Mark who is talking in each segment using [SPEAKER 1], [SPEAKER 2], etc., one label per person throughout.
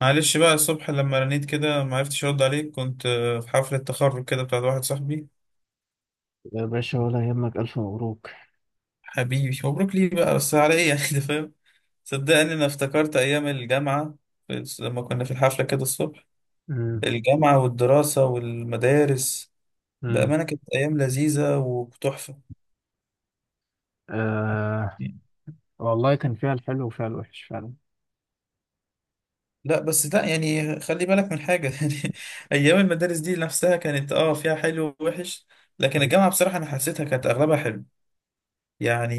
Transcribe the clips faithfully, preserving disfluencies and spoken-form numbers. [SPEAKER 1] معلش بقى الصبح لما رنيت كده ما عرفتش ارد عليك كنت آه، في حفلة تخرج كده بتاعت واحد صاحبي.
[SPEAKER 2] يا باشا، ولا يهمك. ألف مبروك.
[SPEAKER 1] حبيبي مبروك ليه بقى بس على ايه يعني ده فاهم. صدقني انا افتكرت ايام الجامعة بس لما كنا في الحفلة كده الصبح.
[SPEAKER 2] مم.
[SPEAKER 1] الجامعة والدراسة والمدارس
[SPEAKER 2] مم.
[SPEAKER 1] بأمانة كانت أيام لذيذة وتحفة.
[SPEAKER 2] آه، والله كان فيها الحلو وفيها الوحش فعلا.
[SPEAKER 1] لا بس لا يعني خلي بالك من حاجة يعني أيام المدارس دي نفسها كانت اه فيها حلو ووحش، لكن
[SPEAKER 2] مم.
[SPEAKER 1] الجامعة بصراحة أنا حسيتها كانت أغلبها حلو يعني.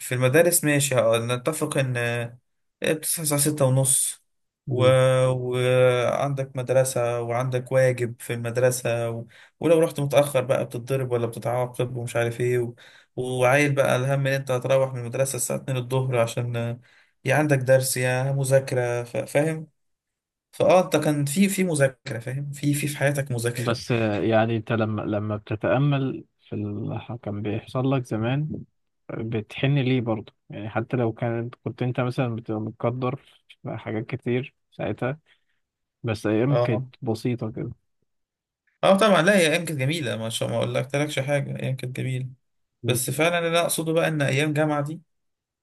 [SPEAKER 1] في المدارس ماشي اه، نتفق ان آه، بتصحى الساعة ستة ونص و...
[SPEAKER 2] مم.
[SPEAKER 1] وعندك مدرسة وعندك واجب في المدرسة و... ولو رحت متأخر بقى بتتضرب ولا بتتعاقب ومش عارف ايه و... وعايل بقى الهم ان انت هتروح من المدرسة الساعة اتنين الظهر عشان آه، يا عندك درس يا مذاكرة ف... فاهم. فاه انت كان في في مذاكرة فاهم في في في حياتك مذاكرة.
[SPEAKER 2] بس آه، يعني أنت لما لما بتتأمل في اللي كان بيحصل لك زمان، بتحن ليه برضه؟ يعني حتى لو كانت كنت أنت مثلا بتبقى متقدر في حاجات كتير ساعتها، بس أيام
[SPEAKER 1] اه،
[SPEAKER 2] كانت بسيطة كده.
[SPEAKER 1] اه طبعا، لا هي ايام كانت جميلة ما شاء ما اقول لك تلكش حاجة، ايام كانت جميلة.
[SPEAKER 2] مم.
[SPEAKER 1] بس فعلا اللي أنا أقصده بقى إن أيام جامعة دي،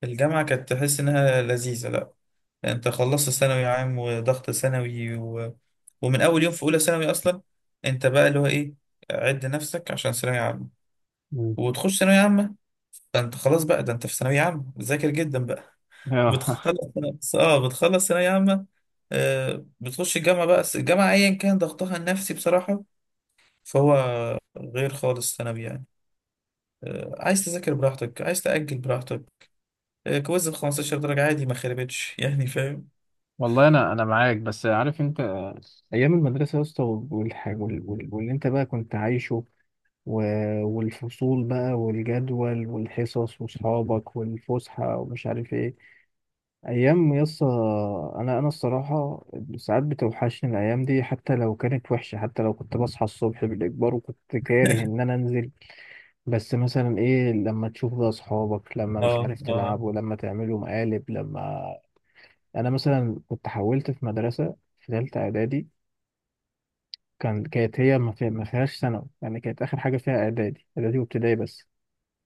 [SPEAKER 1] الجامعة كانت تحس إنها لذيذة. لأ أنت خلصت ثانوي عام وضغط ثانوي و... ومن أول يوم في أولى ثانوي أصلا أنت بقى اللي هو إيه، عد نفسك عشان ثانوية عامة
[SPEAKER 2] مم.
[SPEAKER 1] وتخش ثانوية عامة. فأنت خلاص بقى ده أنت في ثانوية عامة، ذاكر جدا بقى.
[SPEAKER 2] آه،
[SPEAKER 1] بتخلص آه بتخلص ثانوية عامة، آه بتخش الجامعة بقى. بس الجامعة أيا كان ضغطها النفسي بصراحة فهو غير خالص ثانوي يعني. آه، عايز تذاكر براحتك، عايز تأجل براحتك، آه، كويز ب خمسة عشر درجة عادي ما خربتش يعني فاهم.
[SPEAKER 2] والله أنا أنا معاك، بس عارف أنت آه، أيام المدرسة يا اسطى، والحاجة واللي أنت بقى كنت عايشه، و- والفصول بقى والجدول والحصص وصحابك والفسحة ومش عارف ايه، أيام يسا. أنا أنا الصراحة ساعات بتوحشني الأيام دي، حتى لو كانت وحشة، حتى لو كنت بصحى الصبح بالإجبار وكنت كاره إن أنا أنزل. بس مثلا ايه لما تشوف بقى أصحابك، لما مش
[SPEAKER 1] اه
[SPEAKER 2] عارف
[SPEAKER 1] اه
[SPEAKER 2] تلعبوا، لما تعملوا مقالب، لما... أنا مثلا كنت حولت في مدرسة في تالتة إعدادي. كان كانت هي ما في- ما فيهاش ثانوي، يعني كانت آخر حاجة فيها إعدادي، إعدادي وابتدائي بس.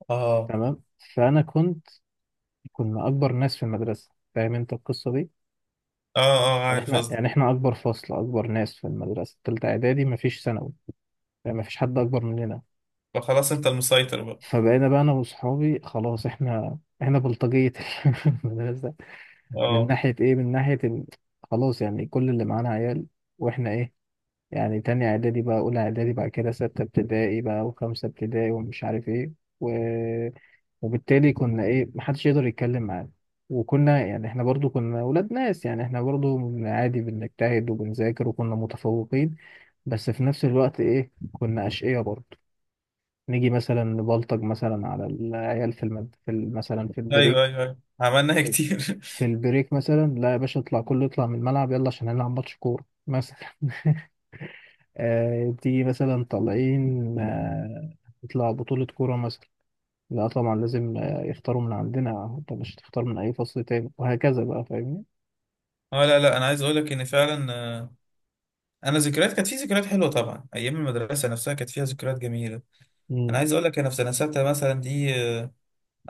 [SPEAKER 1] اه
[SPEAKER 2] تمام. فانا كنت، كنا اكبر ناس في المدرسه، فاهم انت القصه دي.
[SPEAKER 1] اه اه
[SPEAKER 2] يعني
[SPEAKER 1] عارف
[SPEAKER 2] احنا،
[SPEAKER 1] قصدك.
[SPEAKER 2] يعني احنا اكبر فصل، اكبر ناس في المدرسه، تالتة اعدادي، مفيش ثانوي، يعني مفيش حد اكبر مننا.
[SPEAKER 1] فخلاص انت المسيطر بقى.
[SPEAKER 2] فبقينا بقى انا واصحابي، خلاص احنا احنا بلطجية المدرسه. من
[SPEAKER 1] اه
[SPEAKER 2] ناحيه ايه، من ناحيه ال... خلاص، يعني كل اللي معانا عيال واحنا ايه، يعني تاني اعدادي بقى، اولى اعدادي، بعد كده ستة ابتدائي بقى، وخمسة ابتدائي، ومش عارف ايه. و... وبالتالي كنا ايه، محدش يقدر يتكلم معانا. وكنا يعني احنا برضو كنا ولاد ناس، يعني احنا برضو من عادي بنجتهد وبنذاكر وكنا متفوقين، بس في نفس الوقت ايه، كنا أشقية برضو. نيجي مثلا نبلطج مثلا على العيال في المد... في ال- مثلا في
[SPEAKER 1] ايوه
[SPEAKER 2] البريك.
[SPEAKER 1] ايوه ايوه عملناها كتير.
[SPEAKER 2] في البريك مثلا، لا يا باشا اطلع، كله يطلع من الملعب، يلا عشان هنلعب ماتش كورة مثلا. آه، تيجي مثلا طالعين، آه نطلع بطولة كورة مثلا. لا طبعا لازم آه، يختاروا من عندنا، انت مش تختار من اي فصل تاني، وهكذا بقى، فاهمني.
[SPEAKER 1] اه لا لا انا عايز اقول لك ان فعلا آه، انا ذكريات كانت في ذكريات حلوه طبعا، ايام المدرسه نفسها كانت فيها ذكريات جميله. انا
[SPEAKER 2] امم.
[SPEAKER 1] عايز اقول لك انا في سنه سته مثلا دي آه،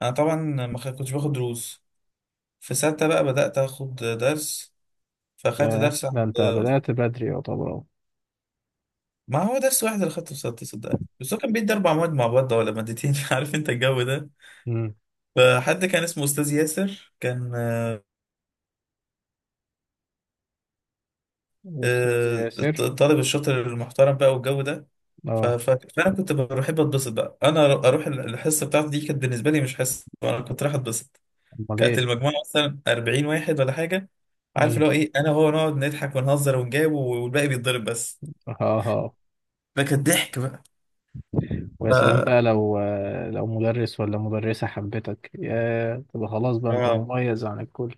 [SPEAKER 1] انا طبعا ما خ- كنتش باخد دروس. في سته بقى بدات اخد درس، فاخدت
[SPEAKER 2] ياه،
[SPEAKER 1] درس
[SPEAKER 2] ده
[SPEAKER 1] عند
[SPEAKER 2] انت
[SPEAKER 1] آه.
[SPEAKER 2] بدأت بدري يعتبر اهو.
[SPEAKER 1] ما هو درس واحد اللي خدته في سته صدقني، بس هو كان بيدي اربع مواد مع بعض ولا مادتين عارف انت الجو ده.
[SPEAKER 2] امم.
[SPEAKER 1] فحد كان اسمه أستاذ ياسر كان
[SPEAKER 2] استاذ
[SPEAKER 1] آه،
[SPEAKER 2] ياسر.
[SPEAKER 1] الطالب الشاطر المحترم بقى والجو ده. ف-
[SPEAKER 2] اه.
[SPEAKER 1] ف- فأنا كنت بحب أتبسط بقى، أنا أروح الحصة بتاعتي دي كانت بالنسبة لي مش حصة، أنا كنت رايح أتبسط.
[SPEAKER 2] امال
[SPEAKER 1] كانت
[SPEAKER 2] ايه.
[SPEAKER 1] المجموعة مثلا اربعين واحد ولا حاجة، عارف اللي
[SPEAKER 2] امم.
[SPEAKER 1] هو إيه، أنا وهو نقعد نضحك ونهزر ونجاوب والباقي بيتضرب بس.
[SPEAKER 2] ها. ها.
[SPEAKER 1] فكان ضحك بقى.
[SPEAKER 2] ويا سلام
[SPEAKER 1] آه.
[SPEAKER 2] بقى لو آه، لو مدرس ولا مدرسة حبتك، يا تبقى خلاص بقى انت
[SPEAKER 1] آه.
[SPEAKER 2] مميز عن الكل.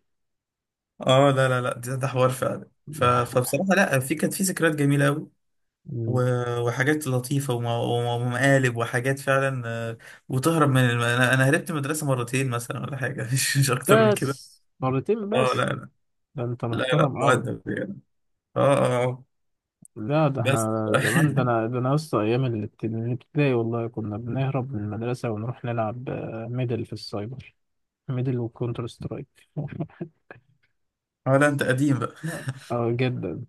[SPEAKER 1] آه، لا لا لا ده ده حوار فعلا. ف- فبصراحة لا في كانت في ذكريات جميلة أوي
[SPEAKER 2] مم.
[SPEAKER 1] و- وحاجات لطيفة وم- ومقالب وحاجات فعلا آه، وتهرب من الم... أنا أنا هربت من المدرسة مرتين مثلا ولا حاجة مش مش أكتر من كده.
[SPEAKER 2] بس مرتين
[SPEAKER 1] أه لا
[SPEAKER 2] بس؟
[SPEAKER 1] لا،
[SPEAKER 2] ده انت
[SPEAKER 1] لا لا
[SPEAKER 2] محترم قوي.
[SPEAKER 1] مؤدب يعني. أه أه آه.
[SPEAKER 2] لا، ده
[SPEAKER 1] بس
[SPEAKER 2] احنا زمان، ده انا، ده انا لسه ايام الابت- الابتدائي، والله كنا بنهرب من المدرسه ونروح نلعب آه، ميدل في السايبر. ميدل وكونتر سترايك.
[SPEAKER 1] أه لا أنت قديم بقى.
[SPEAKER 2] لا، اه جدا.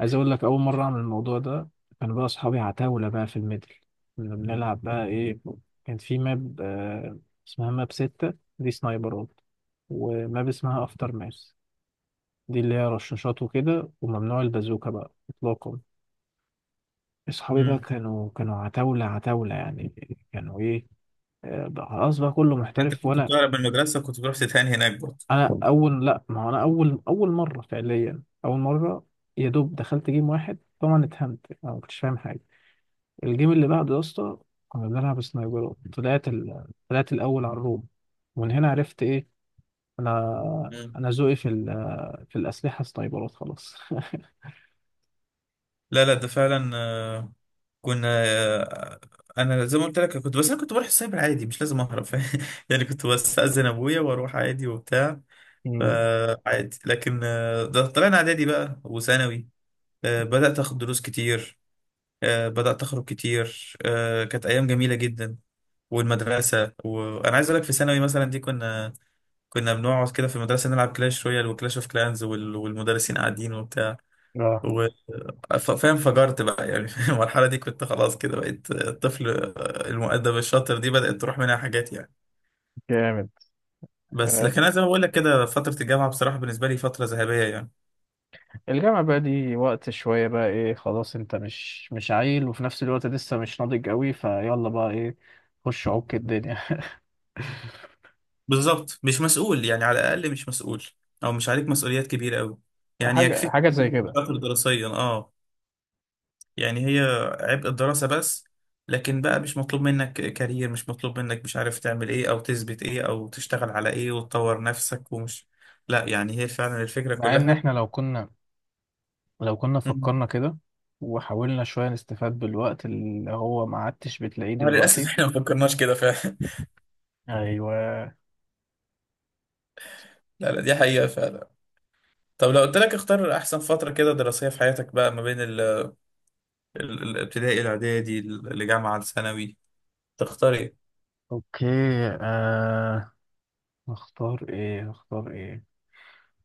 [SPEAKER 2] عايز اقول لك، اول مره اعمل الموضوع ده كان بقى اصحابي عتاوله بقى في الميدل. كنا بنلعب بقى ايه، كان في ماب آه، اسمها ماب ستة دي سنايبرات، وماب اسمها افتر ماس، دي اللي هي رشاشات وكده، وممنوع البازوكا بقى اطلاقا. اصحابي بقى
[SPEAKER 1] مم.
[SPEAKER 2] كانوا كانوا عتاولة، عتاولة يعني. كانوا ايه آه، بقى خلاص بقى كله
[SPEAKER 1] أنت
[SPEAKER 2] محترف،
[SPEAKER 1] كنت
[SPEAKER 2] وانا،
[SPEAKER 1] بتهرب من المدرسة وكنت بتروح تتهان هناك برضه.
[SPEAKER 2] انا اول، لا ما هو انا اول، اول مرة فعليا، اول مرة يا دوب دخلت جيم واحد، طبعا اتهمت انا، ما كنتش فاهم حاجة. الجيم اللي بعده يا اسطى، كنا بنلعب سنايبرات، طلعت ال... طلعت الاول على الروم. ومن هنا عرفت ايه، انا
[SPEAKER 1] مم.
[SPEAKER 2] انا ذوقي في ال... في الاسلحة سنايبرات خلاص.
[SPEAKER 1] لا لا ده فعلا آه، كنا آه، انا زي ما قلت لك كنت، بس انا كنت بروح السايبر عادي مش لازم اهرب يعني، كنت بستأذن ابويا واروح عادي وبتاع.
[SPEAKER 2] مم.
[SPEAKER 1] فعادي لكن آه، ده طلعنا اعدادي بقى وثانوي، آه، بدأت اخد دروس كتير، آه، بدأت اخرج كتير، آه، كانت ايام جميلة جدا. والمدرسة، وانا عايز اقول لك في ثانوي مثلا دي كنا، كنا بنقعد كده في المدرسة نلعب كلاش رويال وكلاش اوف كلانز وال- والمدرسين قاعدين وبتاع
[SPEAKER 2] اه،
[SPEAKER 1] و- ف- فاهم، فجرت بقى يعني في المرحلة دي كنت خلاص كده بقيت آه، الطفل آه، المؤدب الشاطر دي بدأت تروح منها حاجات يعني.
[SPEAKER 2] جامد.
[SPEAKER 1] بس لكن انا زي ما بقول لك كده فترة الجامعة بصراحة بالنسبة لي فترة ذهبية يعني.
[SPEAKER 2] الجامعة بقى دي وقت شوية بقى ايه، خلاص انت مش مش عيل، وفي نفس الوقت لسه مش ناضج قوي، فيلا بقى ايه، خش عك الدنيا.
[SPEAKER 1] بالظبط، مش مسؤول يعني، على الاقل مش مسؤول او مش عليك مسؤوليات كبيره قوي. يعني
[SPEAKER 2] حاجة،
[SPEAKER 1] يكفيك
[SPEAKER 2] حاجة زي كده.
[SPEAKER 1] خاطر دراسيا اه، يعني هي عبء الدراسه بس. لكن بقى مش مطلوب منك كارير، مش مطلوب منك مش عارف تعمل ايه او تثبت ايه او تشتغل على ايه وتطور نفسك ومش. لا يعني هي فعلا الفكره
[SPEAKER 2] مع ان
[SPEAKER 1] كلها.
[SPEAKER 2] احنا لو كنا، لو كنا
[SPEAKER 1] مم.
[SPEAKER 2] فكرنا كده وحاولنا شوية نستفاد بالوقت اللي هو ما عدتش بتلاقيه
[SPEAKER 1] آه للاسف
[SPEAKER 2] دلوقتي.
[SPEAKER 1] احنا ما فكرناش كده فعلا.
[SPEAKER 2] ايوه.
[SPEAKER 1] لا لا دي حقيقه فعلا. طب لو قلت لك اختار احسن فتره كده دراسيه في حياتك بقى ما بين ال- ال- الابتدائي الاعدادي الجامعه الثانوي، تختار ايه؟
[SPEAKER 2] اوكي. آه، اختار ايه، اختار ايه،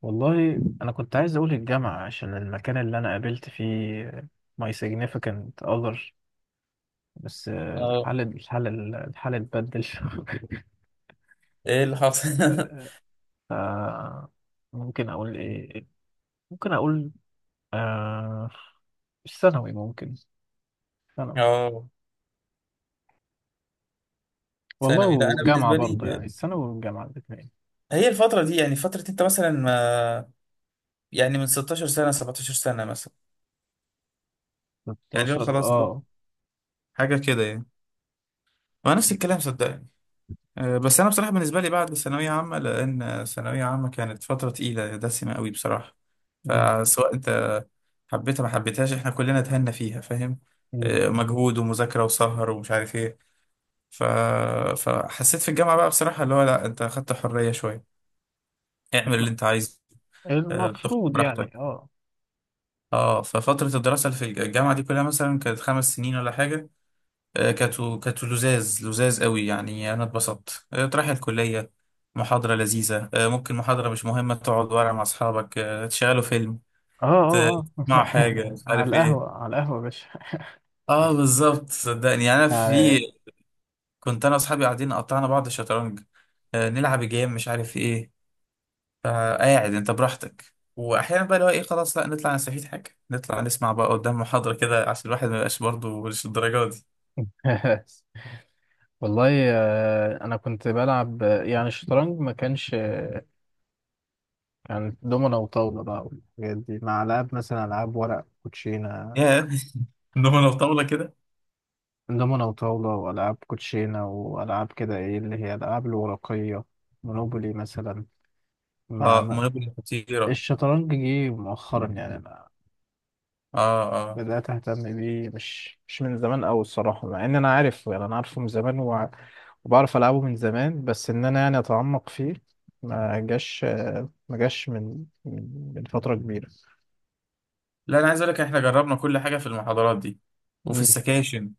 [SPEAKER 2] والله انا كنت عايز اقول الجامعة عشان المكان اللي انا قابلت فيه my significant other، بس آه،
[SPEAKER 1] اه
[SPEAKER 2] الحال، الحال، الحال اتبدل.
[SPEAKER 1] ايه اللي حصل؟
[SPEAKER 2] آه، ممكن اقول ايه، ممكن اقول آه، الثانوي ممكن، ثانوي،
[SPEAKER 1] اه
[SPEAKER 2] والله،
[SPEAKER 1] ثانوي، لا انا
[SPEAKER 2] والجامعة
[SPEAKER 1] بالنسبه لي
[SPEAKER 2] برضه يعني، الثانوي والجامعة الاثنين.
[SPEAKER 1] هي الفتره دي يعني، فتره انت مثلا ما يعني من ستاشر سنه سبعة عشر سنه مثلا، يعني لو
[SPEAKER 2] ستة عشر،
[SPEAKER 1] خلاص بقى
[SPEAKER 2] اه.
[SPEAKER 1] حاجه كده يعني، وانا نفس الكلام صدقني. آه، بس انا بصراحه بالنسبه لي بعد ثانويه عامه، لان ثانويه عامه كانت فتره تقيله دسمه قوي بصراحه،
[SPEAKER 2] مم.
[SPEAKER 1] فسواء انت حبيتها ما حبيتهاش احنا كلنا اتهنا فيها فاهم.
[SPEAKER 2] مم.
[SPEAKER 1] آه، مجهود ومذاكره وسهر ومش عارف ايه ف... فحسيت في الجامعه بقى بصراحه اللي هو لا انت اخدت حريه شويه، اعمل اللي انت عايزه، آه، تاخد
[SPEAKER 2] المفروض يعني،
[SPEAKER 1] براحتك.
[SPEAKER 2] اه،
[SPEAKER 1] اه ففترة الدراسة اللي في الج- الجامعة دي كلها مثلا كانت خمس سنين ولا حاجة، آه، كانت كانت لزاز لزاز قوي يعني. أنا اتبسطت آه، تروح الكلية محاضرة لذيذة، آه، ممكن محاضرة مش مهمة تقعد ورا مع أصحابك آه، تشغلوا فيلم،
[SPEAKER 2] اه،
[SPEAKER 1] ت-
[SPEAKER 2] اه، اه.
[SPEAKER 1] تسمعوا حاجة مش
[SPEAKER 2] على
[SPEAKER 1] عارف إيه.
[SPEAKER 2] القهوة، على القهوة يا باشا.
[SPEAKER 1] اه بالظبط صدقني يعني. أنا
[SPEAKER 2] يعني
[SPEAKER 1] في كنت أنا وأصحابي قاعدين قطعنا بعض الشطرنج، آه، نلعب جيم مش عارف إيه. فقاعد انت براحتك، واحيانا بقى اللي هو ايه خلاص لا نطلع نستفيد حاجه، نطلع نسمع بقى قدام محاضره كده عشان الواحد ما يبقاش برضه مش الدرجه دي.
[SPEAKER 2] والله آه، انا كنت بلعب آه، يعني الشطرنج ما كانش، يعني دومنا وطاولة بقى والحاجات دي، مع ألعاب مثلا، ألعاب ورق، كوتشينة.
[SPEAKER 1] يا انما لو طاوله كده
[SPEAKER 2] دومنا وطاولة وألعاب كوتشينة وألعاب كده إيه اللي هي الألعاب الورقية، مونوبولي مثلا. مع
[SPEAKER 1] اه
[SPEAKER 2] م-
[SPEAKER 1] منبه خطيره.
[SPEAKER 2] الشطرنج جه مؤخرا، يعني أنا
[SPEAKER 1] اه اه
[SPEAKER 2] بدأت أهتم بيه، مش مش من زمان أوي الصراحة. مع إن أنا عارفه، يعني أنا عارفه من زمان، وع- وبعرف ألعبه من زمان، بس إن أنا يعني أتعمق فيه ما جاش، ما جاش من من من فترة كبيرة.
[SPEAKER 1] لا انا عايز اقول لك احنا جربنا كل حاجه في المحاضرات دي وفي
[SPEAKER 2] مم.
[SPEAKER 1] السكاشن.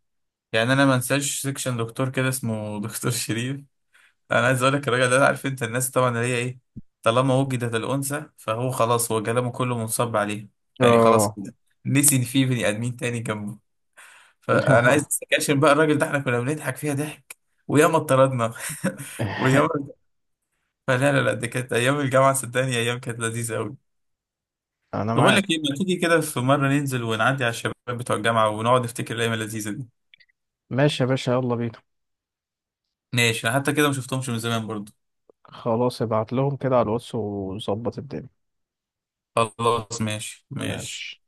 [SPEAKER 1] يعني انا ما انساش سكشن دكتور كده اسمه دكتور شريف. انا عايز اقول لك الراجل ده عارف انت الناس طبعا اللي هي ايه، طالما وجدت الانثى فهو خلاص هو كلامه كله منصب عليه، يعني خلاص
[SPEAKER 2] اه.
[SPEAKER 1] كده نسي ان في بني ادمين تاني جنبه. فانا عايز السكاشن بقى الراجل ده احنا كنا بنضحك فيها ضحك وياما اتطردنا. وياما. فلا لا لا دي كانت ايام الجامعه صدقني، ايام كانت لذيذه قوي.
[SPEAKER 2] انا
[SPEAKER 1] طب اقول لك ايه،
[SPEAKER 2] معاك.
[SPEAKER 1] ما تيجي كده في مره ننزل ونعدي على الشباب بتوع الجامعه ونقعد نفتكر الايام اللذيذه دي.
[SPEAKER 2] ماشي يا باشا، يلا بينا.
[SPEAKER 1] ماشي أنا حتى كده ما شفتهمش من زمان برضو.
[SPEAKER 2] خلاص، ابعت لهم كده على الواتس وظبط الدنيا.
[SPEAKER 1] خلاص ماشي ماشي.
[SPEAKER 2] ماشي.